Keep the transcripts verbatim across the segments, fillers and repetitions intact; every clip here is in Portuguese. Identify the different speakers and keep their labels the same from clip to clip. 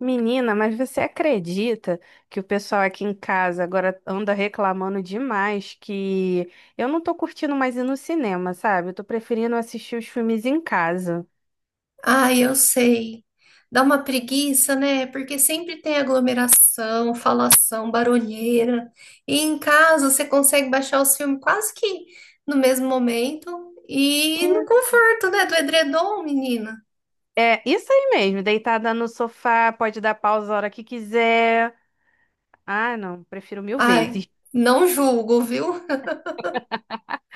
Speaker 1: Menina, mas você acredita que o pessoal aqui em casa agora anda reclamando demais que eu não tô curtindo mais ir no cinema, sabe? Eu tô preferindo assistir os filmes em casa.
Speaker 2: Ah, eu sei. Dá uma preguiça, né? Porque sempre tem aglomeração, falação, barulheira. E em casa você consegue baixar os filmes quase que no mesmo momento e no
Speaker 1: E-
Speaker 2: conforto, né? Do edredom, menina.
Speaker 1: É isso aí mesmo, deitada no sofá, pode dar pausa a hora que quiser. Ah, não, prefiro mil
Speaker 2: Ai,
Speaker 1: vezes.
Speaker 2: não julgo, viu?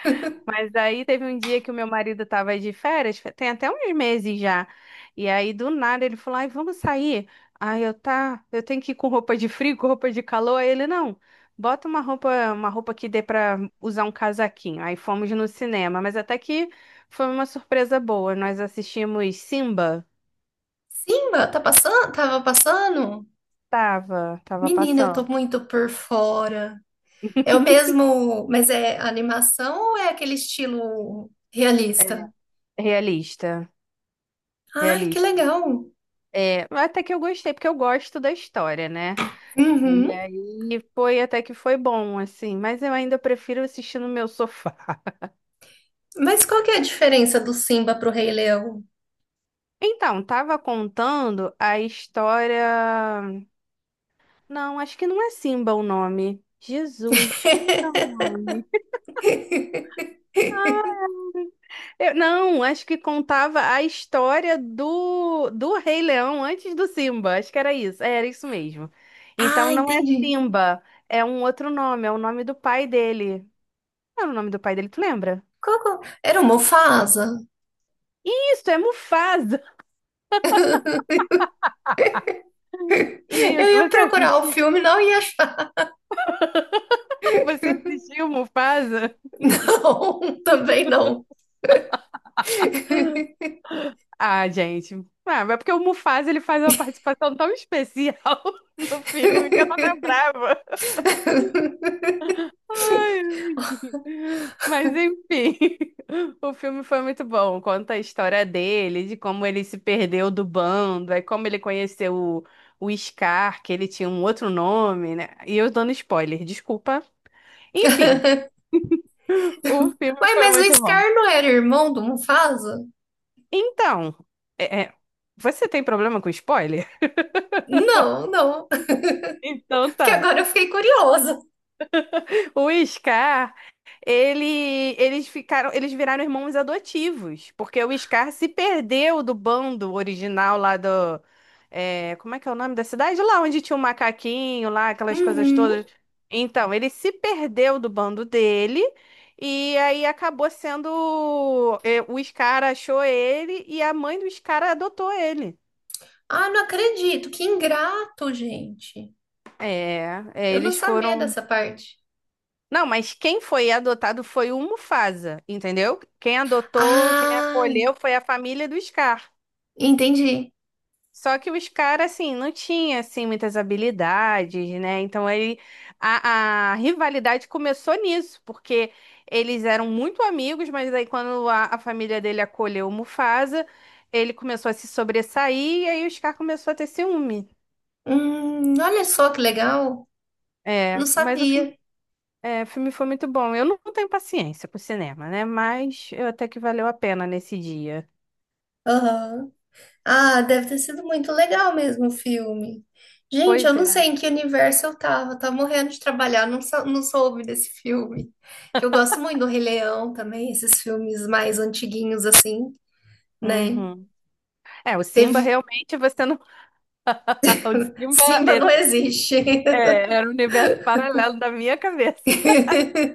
Speaker 1: Mas daí teve um dia que o meu marido tava de férias, fe- tem até uns meses já. E aí do nada ele falou: "Ai, vamos sair". Aí eu tá, eu tenho que ir com roupa de frio, com roupa de calor. Aí ele não. Bota uma roupa, uma roupa que dê pra usar um casaquinho. Aí fomos no cinema, mas até que foi uma surpresa boa. Nós assistimos Simba.
Speaker 2: Simba, tá passando? Tava passando?
Speaker 1: Tava, tava
Speaker 2: Menina, eu tô
Speaker 1: passando.
Speaker 2: muito por fora. É o mesmo, mas é animação ou é aquele estilo
Speaker 1: É,
Speaker 2: realista?
Speaker 1: realista,
Speaker 2: Ai, que
Speaker 1: realista.
Speaker 2: legal.
Speaker 1: É, até que eu gostei, porque eu gosto da história, né? E
Speaker 2: Uhum.
Speaker 1: aí foi até que foi bom, assim, mas eu ainda prefiro assistir no meu sofá.
Speaker 2: Mas qual que é a diferença do Simba pro Rei Leão?
Speaker 1: Então, tava contando a história. Não, acho que não é Simba o nome. Jesus, como é o nome? Eu- não, acho que contava a história do, do Rei Leão antes do Simba. Acho que era isso. É, era isso mesmo. Então
Speaker 2: Ah,
Speaker 1: não é
Speaker 2: entendi.
Speaker 1: Simba, é um outro nome, é o nome do pai dele. Qual era o nome do pai dele, tu lembra?
Speaker 2: Qual, qual- Era o Mufasa?
Speaker 1: Isso, é Mufasa.
Speaker 2: Eu
Speaker 1: Isso,
Speaker 2: ia
Speaker 1: você
Speaker 2: procurar o
Speaker 1: assistiu?
Speaker 2: filme, não ia achar.
Speaker 1: Você assistiu o Mufasa?
Speaker 2: Não, também não.
Speaker 1: Ah, gente. Ah, mas é porque o Mufasa ele faz uma participação tão especial no filme que eu não lembrava. Ai, mas enfim, o filme foi muito bom. Conta a história dele, de como ele se perdeu do bando, aí como ele conheceu o, o Scar, que ele tinha um outro nome, né? E eu dando spoiler, desculpa. Enfim, o
Speaker 2: Ué,
Speaker 1: filme foi
Speaker 2: mas o
Speaker 1: muito bom.
Speaker 2: Scar não era irmão do Mufasa?
Speaker 1: Então, é- é, você tem problema com spoiler?
Speaker 2: Não, não.
Speaker 1: Então
Speaker 2: Porque
Speaker 1: tá.
Speaker 2: agora eu fiquei curiosa.
Speaker 1: O Scar, ele, eles ficaram, eles viraram irmãos adotivos, porque o Scar se perdeu do bando original lá do, é, como é que é o nome da cidade? Lá onde tinha o macaquinho, lá aquelas coisas
Speaker 2: Uhum.
Speaker 1: todas. Então, ele se perdeu do bando dele e aí acabou sendo, é, o Scar achou ele e a mãe do Scar adotou ele.
Speaker 2: Ah, não acredito. Que ingrato, gente.
Speaker 1: É, é,
Speaker 2: Eu não
Speaker 1: eles
Speaker 2: sabia
Speaker 1: foram.
Speaker 2: dessa parte.
Speaker 1: Não, mas quem foi adotado foi o Mufasa, entendeu? Quem adotou, quem
Speaker 2: Ah,
Speaker 1: acolheu foi a família do Scar.
Speaker 2: entendi.
Speaker 1: Só que o Scar, assim, não tinha, assim, muitas habilidades, né? Então, ele, a, a rivalidade começou nisso, porque eles eram muito amigos, mas aí quando a, a família dele acolheu o Mufasa, ele começou a se sobressair e aí o Scar começou a ter ciúme.
Speaker 2: Hum, olha só que legal. Não
Speaker 1: É, mas o filme.
Speaker 2: sabia.
Speaker 1: É, o filme foi muito bom. Eu não tenho paciência pro cinema, né? Mas eu até que valeu a pena nesse dia.
Speaker 2: Aham. Ah, deve ter sido muito legal mesmo o filme. Gente, eu
Speaker 1: Pois
Speaker 2: não
Speaker 1: é.
Speaker 2: sei em que universo eu tava. Eu tava morrendo de trabalhar, não, sou- não soube desse filme. Que eu gosto muito do Rei Leão também, esses filmes mais antiguinhos assim, né?
Speaker 1: Uhum. É, o Simba
Speaker 2: Teve.
Speaker 1: realmente você não. O Simba
Speaker 2: Simba não
Speaker 1: é-
Speaker 2: existe.
Speaker 1: é, era um universo paralelo da minha cabeça.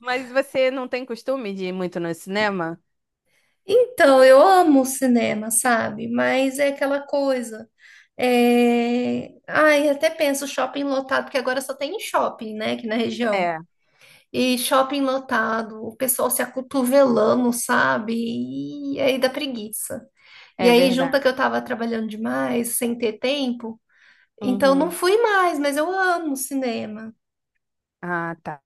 Speaker 1: Mas você não tem costume de ir muito no cinema?
Speaker 2: Então, eu amo o cinema, sabe? Mas é aquela coisa. É... Ai, até penso shopping lotado, porque agora só tem em shopping, né, aqui na região.
Speaker 1: É,
Speaker 2: E shopping lotado, o pessoal se acotovelando, sabe? E aí dá preguiça. E
Speaker 1: é
Speaker 2: aí, junta
Speaker 1: verdade.
Speaker 2: que eu tava trabalhando demais, sem ter tempo, então não
Speaker 1: Uhum.
Speaker 2: fui mais, mas eu amo cinema.
Speaker 1: Ah, tá.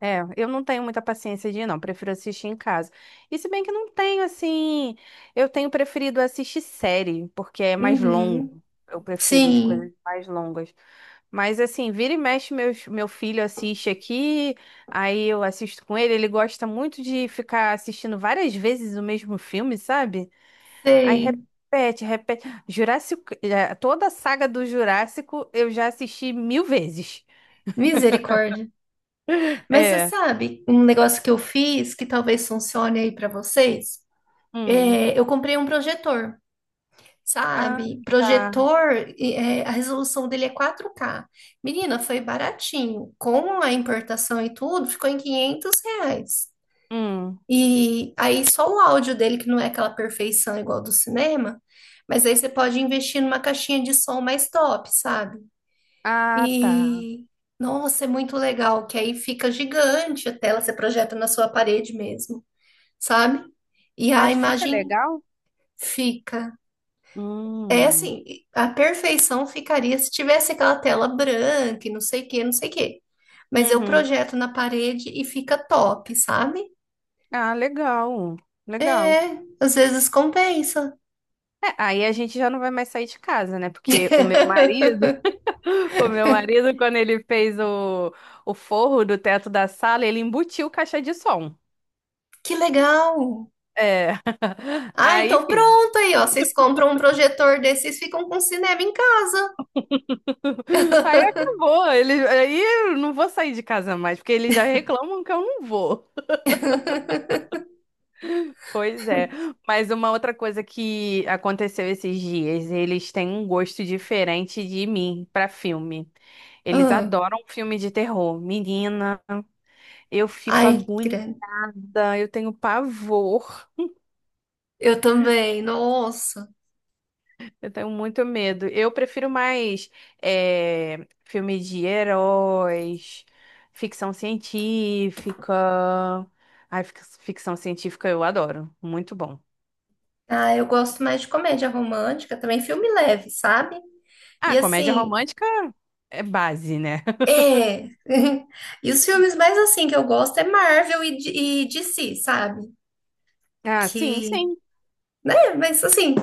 Speaker 1: É, eu não tenho muita paciência de ir, não. Prefiro assistir em casa. E se bem que não tenho, assim. Eu tenho preferido assistir série, porque é mais longo.
Speaker 2: Uhum.
Speaker 1: Eu prefiro de
Speaker 2: Sim,
Speaker 1: coisas mais longas. Mas, assim, vira e mexe, meus, meu filho assiste aqui, aí eu assisto com ele. Ele gosta muito de ficar assistindo várias vezes o mesmo filme, sabe? Aí
Speaker 2: sei.
Speaker 1: repete, repete. Jurássico, eh, toda a saga do Jurássico eu já assisti mil vezes.
Speaker 2: Misericórdia. Mas você
Speaker 1: É.
Speaker 2: sabe, um negócio que eu fiz que talvez funcione aí para vocês,
Speaker 1: Hum.
Speaker 2: é, eu comprei um projetor,
Speaker 1: Ah,
Speaker 2: sabe?
Speaker 1: tá.
Speaker 2: Projetor, e, é, a resolução dele é quatro K. Menina, foi baratinho. Com a importação e tudo, ficou em quinhentos reais.
Speaker 1: Hum.
Speaker 2: E aí só o áudio dele, que não é aquela perfeição igual do cinema, mas aí você pode investir numa caixinha de som mais top, sabe?
Speaker 1: Ah, tá.
Speaker 2: E nossa, é muito legal, que aí fica gigante a tela, você projeta na sua parede mesmo, sabe? E a
Speaker 1: Mas fica
Speaker 2: imagem
Speaker 1: legal?
Speaker 2: fica. É
Speaker 1: Hum.
Speaker 2: assim, a perfeição ficaria se tivesse aquela tela branca e não sei o que, não sei o que. Mas eu
Speaker 1: Uhum.
Speaker 2: projeto na parede e fica top, sabe?
Speaker 1: Ah, legal. Legal.
Speaker 2: É, às vezes compensa.
Speaker 1: É, aí a gente já não vai mais sair de casa, né? Porque o meu marido, o meu marido, quando ele fez o, o forro do teto da sala, ele embutiu caixa de som.
Speaker 2: Que legal!
Speaker 1: É.
Speaker 2: Ah,
Speaker 1: Aí,
Speaker 2: então
Speaker 1: enfim.
Speaker 2: pronto aí, ó. Vocês compram um projetor desses e ficam com cinema em casa.
Speaker 1: Aí acabou. Ele, aí eu não vou sair de casa mais, porque eles já reclamam que eu não vou. Pois é, mas uma outra coisa que aconteceu esses dias, eles têm um gosto diferente de mim pra filme. Eles
Speaker 2: Ah.
Speaker 1: adoram filme de terror. Menina, eu fico
Speaker 2: Ai, grande.
Speaker 1: agoniada, eu tenho pavor,
Speaker 2: Eu também, nossa.
Speaker 1: eu tenho muito medo. Eu prefiro mais é, filme de heróis, ficção científica. Ai, fic- ficção científica eu adoro, muito bom.
Speaker 2: Ah, eu gosto mais de comédia romântica, também filme leve, sabe? E
Speaker 1: Ah, comédia
Speaker 2: assim,
Speaker 1: romântica é base, né?
Speaker 2: é. E os filmes mais assim que eu gosto é Marvel e, D- e D C, sabe?
Speaker 1: Ah, sim,
Speaker 2: Que,
Speaker 1: sim.
Speaker 2: né? Mas assim,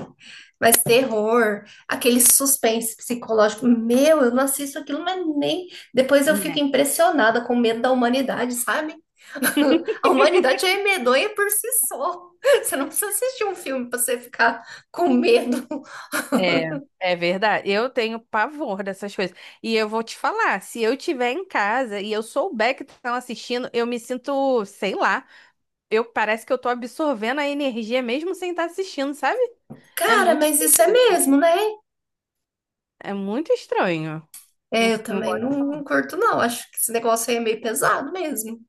Speaker 2: mais terror, aquele suspense psicológico. Meu, eu não assisto aquilo, mas nem. Depois eu fico
Speaker 1: Né?
Speaker 2: impressionada com o medo da humanidade, sabe? A humanidade é medonha por si só. Você não precisa assistir um filme pra você ficar com medo.
Speaker 1: É, é verdade. Eu tenho pavor dessas coisas. E eu vou te falar, se eu estiver em casa e eu souber que estão assistindo, eu me sinto, sei lá, eu parece que eu tô absorvendo a energia mesmo sem estar assistindo, sabe? É
Speaker 2: Cara,
Speaker 1: muito
Speaker 2: mas isso é
Speaker 1: esquisito.
Speaker 2: mesmo, né?
Speaker 1: É muito estranho.
Speaker 2: É,
Speaker 1: Não,
Speaker 2: eu
Speaker 1: não
Speaker 2: também
Speaker 1: gosto
Speaker 2: não, não
Speaker 1: não.
Speaker 2: curto, não. Acho que esse negócio aí é meio pesado mesmo.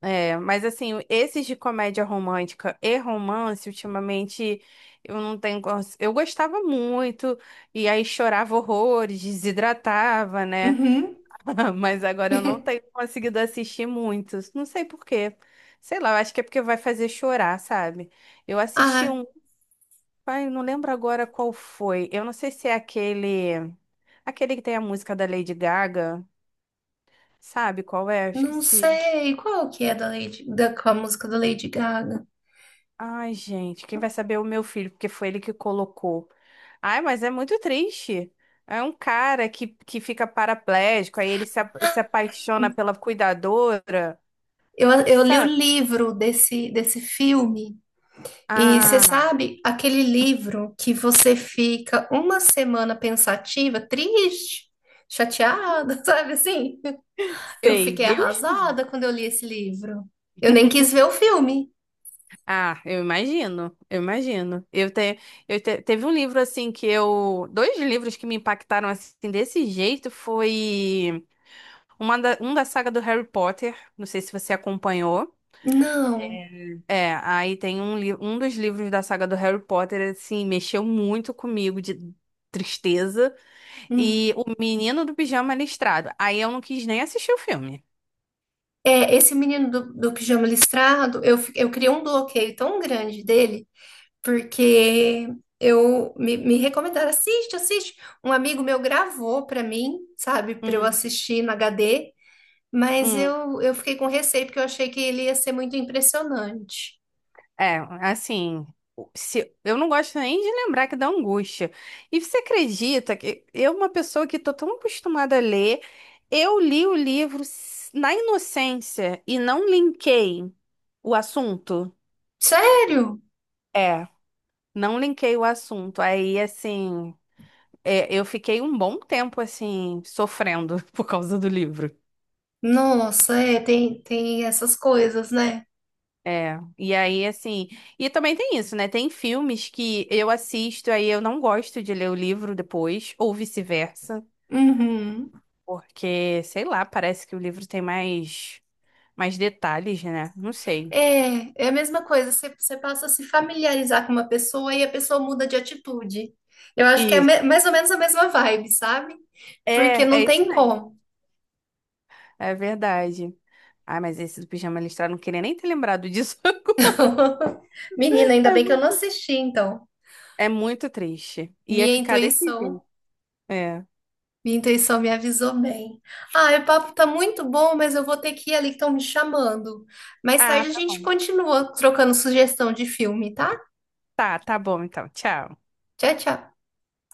Speaker 1: É, mas assim, esses de comédia romântica e romance, ultimamente, eu não tenho. cons- Eu gostava muito, e aí chorava horrores, desidratava, né?
Speaker 2: Uhum.
Speaker 1: Mas agora eu não tenho conseguido assistir muitos. Não sei por quê. Sei lá, eu acho que é porque vai fazer chorar, sabe? Eu assisti
Speaker 2: Ah,
Speaker 1: um, ai, eu não lembro agora qual foi. Eu não sei se é aquele, aquele que tem a música da Lady Gaga, sabe qual é? Eu
Speaker 2: não
Speaker 1: esqueci.
Speaker 2: sei. Qual que é da Lady, da, com a música da Lady Gaga?
Speaker 1: Ai, gente, quem vai saber é o meu filho, porque foi ele que colocou. Ai, mas é muito triste. É um cara que, que fica paraplégico, aí ele se, apa- se apaixona pela cuidadora,
Speaker 2: Eu, eu li o
Speaker 1: sabe?
Speaker 2: livro desse, desse filme, e você
Speaker 1: Ah,
Speaker 2: sabe aquele livro que você fica uma semana pensativa, triste, chateada, sabe assim? Eu
Speaker 1: sei,
Speaker 2: fiquei
Speaker 1: Deus me
Speaker 2: arrasada
Speaker 1: livre.
Speaker 2: quando eu li esse livro. Eu nem quis ver o filme.
Speaker 1: Ah, eu imagino, eu imagino. Eu, te, eu te- teve um livro assim que eu, dois livros que me impactaram assim desse jeito foi uma da, um da saga do Harry Potter, não sei se você acompanhou.
Speaker 2: Não.
Speaker 1: É, aí tem um, li- um dos livros da saga do Harry Potter assim mexeu muito comigo de tristeza e
Speaker 2: Hum.
Speaker 1: o Menino do Pijama Listrado. Aí eu não quis nem assistir o filme.
Speaker 2: É, esse menino do, do pijama listrado, eu, fi- eu criei um bloqueio tão grande dele, porque eu me, me recomendaram, assiste, assiste. Um amigo meu gravou para mim, sabe, para eu
Speaker 1: Hum.
Speaker 2: assistir no H D, mas
Speaker 1: Hum.
Speaker 2: eu, eu fiquei com receio porque eu achei que ele ia ser muito impressionante.
Speaker 1: É, assim, o- se, eu não gosto nem de lembrar que dá angústia. E você acredita que eu, uma pessoa que tô tão acostumada a ler, eu li o livro s- na inocência e não linkei o assunto?
Speaker 2: Sério?
Speaker 1: É, não linkei o assunto. Aí, assim, é, eu fiquei um bom tempo, assim, sofrendo por causa do livro.
Speaker 2: Nossa, é, tem, tem essas coisas, né?
Speaker 1: É, e aí, assim, e também tem isso, né? Tem filmes que eu assisto, aí eu não gosto de ler o livro depois, ou vice-versa.
Speaker 2: Uhum.
Speaker 1: Porque, sei lá, parece que o livro tem mais, mais detalhes, né? Não sei.
Speaker 2: É, é a mesma coisa, você, você passa a se familiarizar com uma pessoa e a pessoa muda de atitude. Eu acho que é
Speaker 1: Isso.
Speaker 2: me- mais ou menos a mesma vibe, sabe? Porque
Speaker 1: É,
Speaker 2: não
Speaker 1: é isso
Speaker 2: tem
Speaker 1: mesmo.
Speaker 2: como.
Speaker 1: É verdade. Ai, mas esse do pijama listrado, não queria nem ter lembrado disso agora.
Speaker 2: Menina, ainda
Speaker 1: É
Speaker 2: bem que eu não
Speaker 1: muito,
Speaker 2: assisti, então.
Speaker 1: é muito triste. Ia
Speaker 2: Minha
Speaker 1: ficar desse jeito.
Speaker 2: intuição,
Speaker 1: É.
Speaker 2: minha intuição me avisou bem. Ah, o papo tá muito bom, mas eu vou ter que ir ali que estão me chamando. Mais
Speaker 1: Ah,
Speaker 2: tarde a
Speaker 1: tá
Speaker 2: gente
Speaker 1: bom.
Speaker 2: continua trocando sugestão de filme, tá?
Speaker 1: Tá, tá bom então. Tchau.
Speaker 2: Tchau, tchau.